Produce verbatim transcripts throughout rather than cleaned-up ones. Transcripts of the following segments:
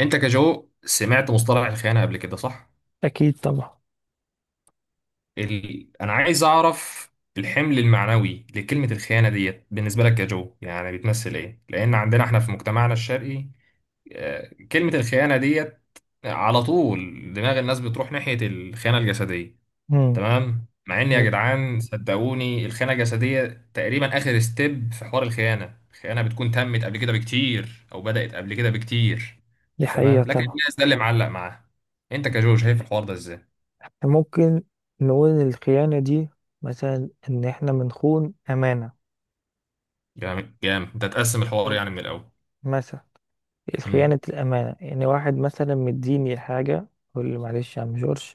انت كجو سمعت مصطلح الخيانه قبل كده صح؟ أكيد طبعا. ال... انا عايز اعرف الحمل المعنوي لكلمه الخيانه ديت بالنسبه لك كجو، يعني بتمثل ايه؟ لان عندنا احنا في مجتمعنا الشرقي آه، كلمه الخيانه ديت على طول دماغ الناس بتروح ناحيه الخيانه الجسديه. مم. تمام، مع ان يا جدعان صدقوني الخيانه الجسديه تقريبا اخر ستيب في حوار الخيانه الخيانه بتكون تمت قبل كده بكتير او بدات قبل كده بكتير. دي حقيقة تمام، لكن طبعا. الناس ده اللي معلق معاه. انت كجو شايف الحوار ده ازاي؟ ممكن نقول الخيانة دي مثلا إن إحنا بنخون أمانة. جامد، جامد. انت هتقسم الحوار حلو. يعني من الاول؟ مثلا امم خيانة الأمانة، يعني واحد مثلا مديني حاجة يقول لي: معلش يا عم جورج،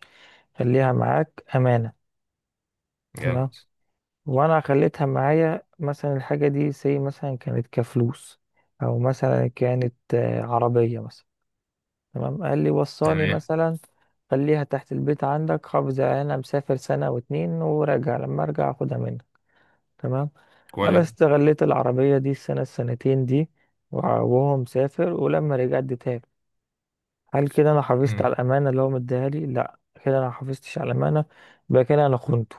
خليها معاك أمانة. تمام. جامد. وأنا خليتها معايا، مثلا الحاجة دي زي مثلا كانت كفلوس، أو مثلا كانت آه، عربية مثلا. تمام، قال لي وصاني تمام. مثلا: خليها تحت البيت عندك، حافظ عليها، انا مسافر سنة واتنين وراجع، لما ارجع اخدها منك. تمام. انا كويس. استغليت العربية دي السنة السنتين دي، وع- وهو مسافر، ولما رجع اديتها له. هل كده انا حافظت على امم الامانة اللي هو مديها لي؟ لا، كده انا محافظتش على الامانة، يبقى كده انا خنته.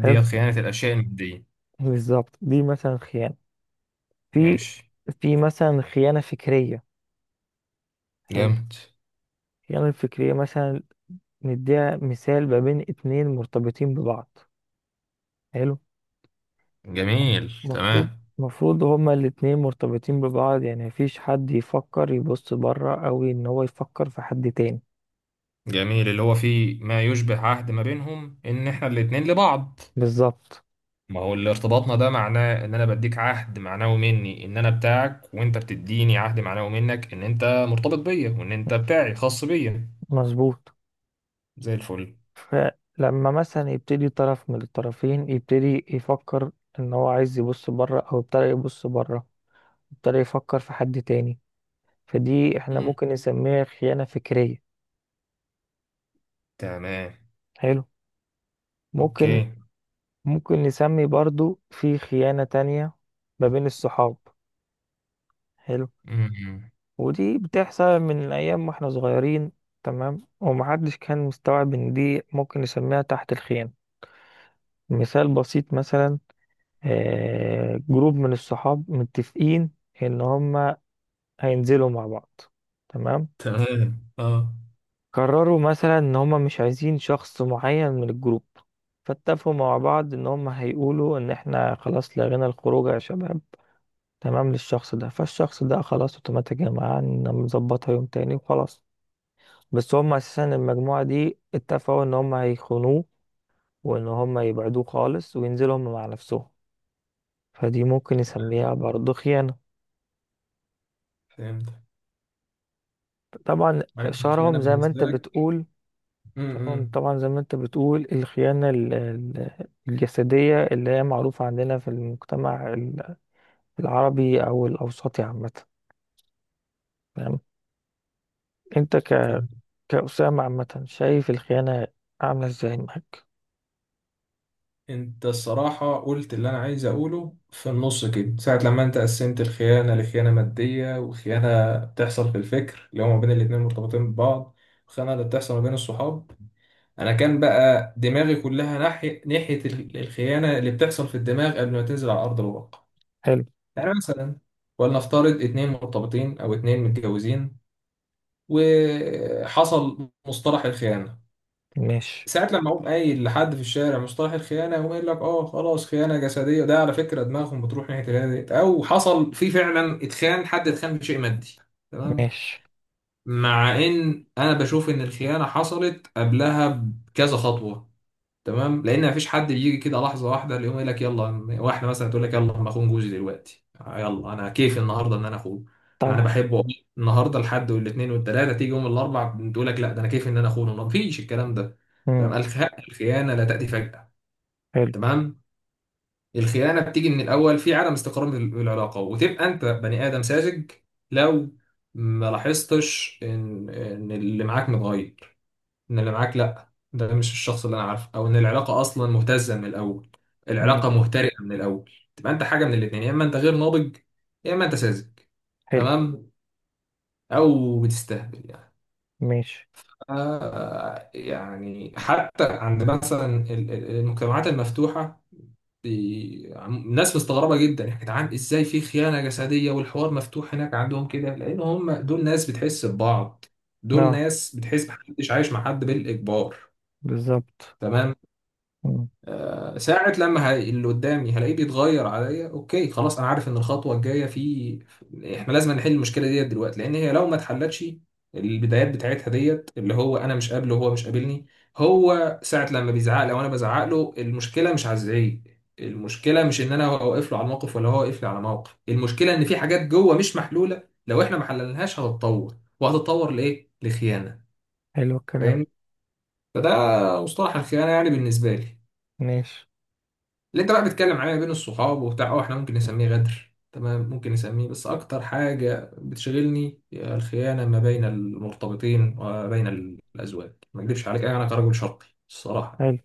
حلو، خيانة الاشياء المادية. بالظبط، دي مثلا خيانة. في ماشي. في مثلا خيانة فكرية. حلو، جامد. الخيانة الفكرية مثلا نديها مثال ما بين اتنين مرتبطين ببعض. حلو. جميل، المفروض تمام. المفروض هما الاتنين مرتبطين ببعض، يعني مفيش حد يفكر يبص بره، أو إن هو يفكر في حد تاني. جميل، اللي هو فيه ما يشبه عهد ما بينهم ان احنا الاتنين لبعض. بالظبط، ما هو اللي ارتباطنا ده معناه ان انا بديك عهد معنوي مني ان انا بتاعك، وانت بتديني عهد معنوي منك ان انت مرتبط بيا وان انت بتاعي خاص بيا. مظبوط. زي الفل. فلما مثلا يبتدي طرف من الطرفين يبتدي يفكر إن هو عايز يبص بره، أو ابتدى يبص بره، ابتدى يفكر في حد تاني، فدي احنا مم. ممكن نسميها خيانة فكرية. تمام. حلو. اوكي. ممكن ممكن نسمي برضو في خيانة تانية ما بين الصحاب. حلو. مم. ودي بتحصل من ايام واحنا صغيرين، تمام، ومحدش كان مستوعب ان دي ممكن نسميها تحت الخيم. مثال بسيط مثلا: آه، جروب من الصحاب متفقين ان هما هينزلوا مع بعض. تمام. تمام. اه. قرروا مثلا ان هما مش عايزين شخص معين من الجروب، فاتفقوا مع بعض ان هما هيقولوا ان احنا خلاص لغينا الخروج يا شباب، تمام، للشخص ده، فالشخص ده خلاص اوتوماتيك يا جماعة نظبطها يوم تاني وخلاص. بس هم اساسا المجموعة دي اتفقوا ان هم هيخونوه، وان هم يبعدوه خالص وينزلوا هم مع نفسهم. فدي ممكن نسميها برضه خيانة. فهمت. طبعا. ملكش الخيانة شهرهم زي ما بالنسبة انت لك. بتقول، شهرهم امم. طبعا زي ما انت بتقول الخيانة ال- ال- الجسدية، اللي هي معروفة عندنا في المجتمع ال- العربي او الاوسطي عامة. تمام. انت ك... كأسامة عامة، شايف الخيانة عاملة ازاي معاك؟ انت الصراحة قلت اللي انا عايز اقوله في النص كده ساعة، لما انت قسمت الخيانة لخيانة مادية وخيانة بتحصل في الفكر اللي هما بين الاتنين مرتبطين ببعض، والخيانة اللي بتحصل ما بين الصحاب. انا كان بقى دماغي كلها ناحية ناحية ال- الخيانة اللي بتحصل في الدماغ قبل ما تنزل على ارض الواقع. حلو. يعني مثلا، ولنفترض اتنين مرتبطين او اتنين متجوزين وحصل مصطلح الخيانة، ماشي، ساعة لما اقوم قايل لحد في الشارع مصطلح الخيانة يقوم قايل لك اه خلاص خيانة جسدية. ده على فكرة دماغهم بتروح ناحية الهادي ديت، أو حصل في فعلا اتخان، حد اتخان بشيء مادي. تمام، ماشي، مع إن أنا بشوف إن الخيانة حصلت قبلها بكذا خطوة. تمام، لان مفيش حد بيجي كده لحظه واحده اللي يقوم يقول لك يلا، واحده مثلا تقول لك يلا انا اخون جوزي دلوقتي، يلا انا كيف النهارده ان انا اخونه. انا طبعا. بحبه والله. النهارده الحد والاثنين والثلاثه، تيجي يوم الاربع تقول لك لا، ده انا كيف ان انا اخونه؟ ما فيش الكلام ده. تمام. مم. الخ- الخيانه لا تاتي فجاه. حلو، تمام. الخيانه بتيجي من الاول في عدم استقرار في العلاقه، وتبقى انت بني ادم ساذج لو ما لاحظتش ان ان اللي معاك متغير، ان اللي معاك لا، ده مش الشخص اللي انا عارفه، او ان العلاقه اصلا مهتزه من الاول. العلاقه ماشي. مهترئه من الاول تبقى انت حاجه من الاثنين، يا اما انت غير ناضج يا اما انت ساذج. حلو، تمام. او بتستهبل يعني. ماشي، آه، يعني حتى عند مثلا ال- ال- المجتمعات المفتوحه، بي- عم- ناس مستغربه جدا يا جدعان ازاي في خيانه جسديه والحوار مفتوح هناك عندهم كده، لان هم دول ناس بتحس ببعض. دول اه، ناس بتحس، محدش عايش مع حد بالاجبار. بالظبط. تمام. مم. آه، ساعة لما هي- اللي قدامي هلاقيه بيتغير عليا اوكي خلاص انا عارف ان الخطوة الجاية في احنا لازم نحل المشكلة ديت دلوقتي، لان هي لو ما اتحلتش البدايات بتاعتها ديت، اللي هو انا مش قابله وهو مش قابلني. هو ساعة لما بيزعق لو انا بزعق له المشكلة مش هزعيه. المشكلة مش ان انا واقف له على الموقف ولا هو واقف لي على موقف، المشكلة ان في حاجات جوه مش محلولة، لو احنا ما حللناهاش هتتطور وهتتطور لايه؟ لخيانة. حلو الكلام. فاهمني؟ فده مصطلح الخيانة يعني بالنسبة لي. ماشي. اللي انت بقى بتتكلم عليها بين الصحاب وبتاع اه، احنا ممكن نسميه غدر. تمام، ممكن نسميه، بس اكتر حاجة بتشغلني هي الخيانة ما بين المرتبطين وبين الازواج. ما اكذبش عليك انا كرجل شرقي الصراحة يعني. حلو،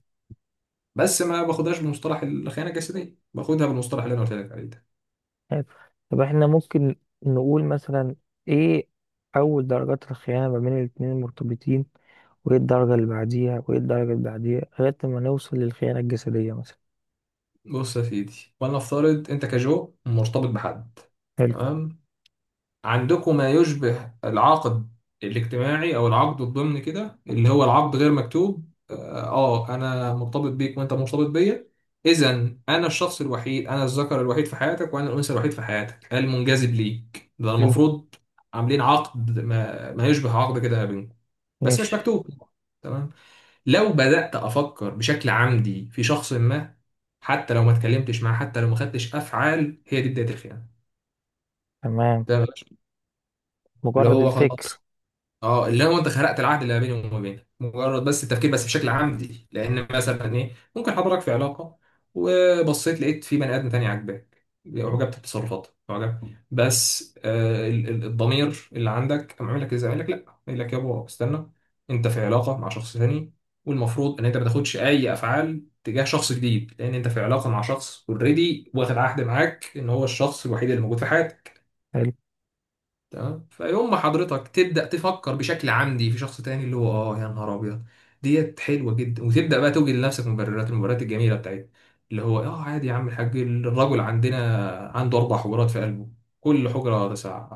بس ما باخدهاش بمصطلح الخيانة الجسدية، باخدها بالمصطلح اللي انا قلت لك عليه ده. حلو. طب احنا ممكن نقول مثلا ايه اول درجات الخيانة ما بين الاتنين المرتبطين، وايه الدرجة اللي بعديها، وايه الدرجة اللي بعديها، لغاية ما نوصل للخيانة الجسدية مثلا؟ بص يا سيدي، ولنفترض انت كجو مرتبط بحد. حلو. تمام. عندكم ما يشبه العقد الاجتماعي او العقد الضمني كده، اللي هو العقد غير مكتوب اه. آه، انا مرتبط بيك وانت مرتبط بيا، اذا انا الشخص الوحيد، انا الذكر الوحيد في حياتك وانا الانثى الوحيد في حياتك المنجذب ليك، ده حلو. المفروض. عاملين عقد ما, ما يشبه عقد كده ما بينكم، بس مش ماشي. مكتوب. تمام. لو بدأت افكر بشكل عمدي في شخص ما، حتى لو ما اتكلمتش معاه، حتى لو ما خدتش افعال، هي دي بداية الخيانة. تمام، تمام. اللي مجرد هو الفكر. خلاص اه، اللي هو انت خرقت العهد اللي ما بيني وما بينك مجرد بس التفكير، بس بشكل عمدي. لان مثلا ايه، ممكن حضرتك في علاقه وبصيت لقيت في بني ادم تاني عاجباك، اعجبت بتصرفاته، اعجبت، بس آه ال- ال- الضمير اللي عندك قام عامل لك ازاي؟ قال لك لا، قال لك يابا استنى، انت في علاقه مع شخص تاني، والمفروض ان انت ما تاخدش اي افعال تجاه شخص جديد، لان انت في علاقه مع شخص اوريدي واخد عهد معاك ان هو الشخص الوحيد اللي موجود في حياتك. حلو. تمام. فيوم ما حضرتك تبدأ تفكر بشكل عمدي في شخص تاني، اللي هو اه يا نهار ابيض ديت حلوة جدا، وتبدأ بقى توجد لنفسك مبررات، المبررات الجميلة بتاعتها اللي هو اه عادي يا عم الحاج، الرجل عندنا عنده أربع حجرات في قلبه، كل حجرة تسع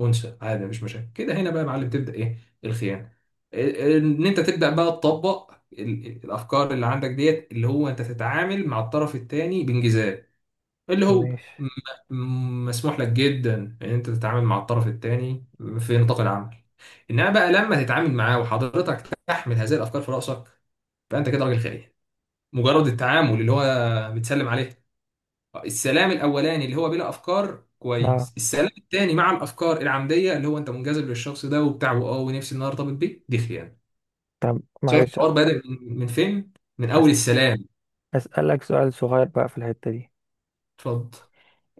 أنثى، عادي مش مشاكل كده. هنا بقى يا معلم تبدأ إيه؟ الخيانة. إن أنت تبدأ بقى تطبق ال- الأفكار اللي عندك ديت، اللي هو أنت تتعامل مع الطرف التاني بانجذاب، اللي هو ماشي. م- م- مسموح لك جدا ان انت تتعامل مع الطرف الثاني في نطاق العمل، انما بقى لما تتعامل معاه وحضرتك تحمل هذه الافكار في راسك، فانت كده راجل خاين. مجرد التعامل، اللي هو بتسلم عليه، السلام الاولاني اللي هو بلا افكار اه، كويس، السلام الثاني مع الافكار العمديه اللي هو انت منجذب للشخص ده وبتاع واه ونفسي ان انا ارتبط بيه، دي خيانه. طب شايف معلش الحوار بادئ من من فين؟ من اول أس- السلام. اسألك سؤال صغير بقى في الحتة دي: اتفضل.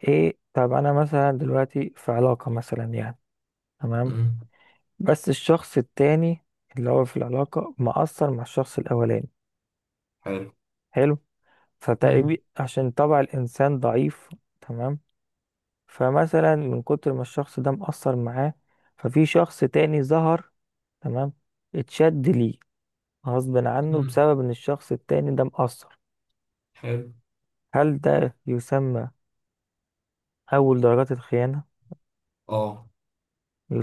ايه، طب انا مثلا دلوقتي في علاقة مثلا، يعني، تمام، مم. بس الشخص التاني اللي هو في العلاقة مأثر مع الشخص الأولاني. حلو. حلو. مم. فتقريبا عشان طبع الإنسان ضعيف، تمام، فمثلا من كتر ما الشخص ده مأثر معاه، ففي شخص تاني ظهر، تمام، اتشد ليه غصب عنه مم. بسبب إن الشخص التاني ده مأثر. حلو. هل ده يسمى أول درجات الخيانة؟ اه.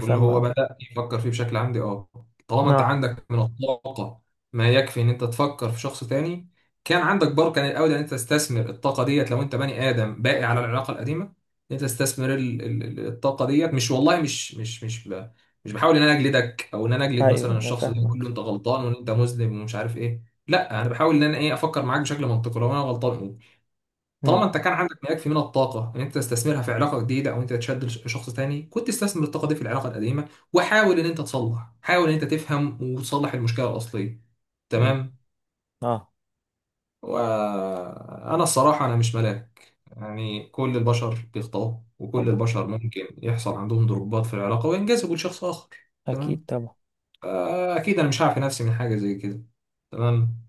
واللي هو آه. بدأ يفكر فيه بشكل عمدي اه، طالما انت آه، عندك من الطاقة ما يكفي ان انت تفكر في شخص تاني، كان عندك بركة من الاول ان انت تستثمر الطاقة ديت لو انت بني ادم باقي على العلاقة القديمة، ان انت تستثمر ال- ال- ال- الطاقة ديت. مش والله مش مش مش ب... مش بحاول ان انا اجلدك او ان انا اجلد أيوه مثلا أنا الشخص ده واقول له فاهمك. انت غلطان وان انت مذنب ومش عارف ايه، لا انا بحاول ان انا ايه، افكر معاك بشكل منطقي، لو انا غلطان قول. مم. طالما انت كان عندك ما يكفي من الطاقه ان انت تستثمرها في علاقه جديده او انت تشد لش- شخص تاني، كنت استثمر الطاقه دي في العلاقه القديمه وحاول ان انت تصلح، حاول ان انت تفهم وتصلح المشكله الاصليه. حلو. تمام. آه، وانا الصراحه انا مش ملاك يعني، كل البشر بيخطئوا وكل طبعا، البشر ممكن يحصل عندهم ضربات في العلاقه وينجذبوا لشخص اخر. أكيد تمام. طبعا. آه، اكيد انا مش هعفي نفسي من حاجه زي كده. تمام.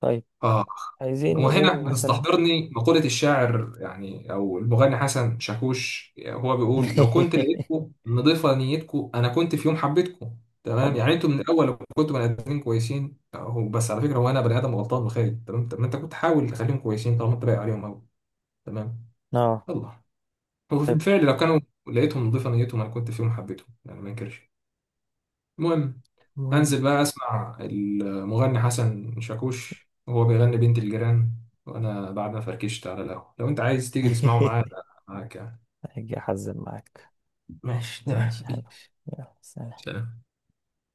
طيب، آه. عايزين وهنا نقول مثلا بتستحضرني مقولة الشاعر يعني أو المغني حسن شاكوش، هو بيقول لو كنت لقيتكم نضيفة نيتكم أنا كنت في يوم حبيتكم. تمام، طبعا، يعني أنتوا من الأول لو كنتوا بني آدمين كويسين، هو بس على فكرة هو أنا بني آدم غلطان وخايب، تمام، طب ما أنت كنت حاول تخليهم كويسين طالما أنت باقي عليهم أوي. تمام. اه، الله. وفي طيب، الفعل لو كانوا لقيتهم نضيفة نيتهم أنا كنت في يوم حبيتهم، يعني ما أنكرش. المهم، المهم انزل بقى اسمع المغني حسن شاكوش وهو بيغني بنت الجيران وانا بعد ما فركشت على القهوه، لو انت عايز تيجي تسمعه معايا أنا معاك يعني. هاجي احزن معاك. ماشي، ماشي، تمام. حلو. يلا سلام. سلام.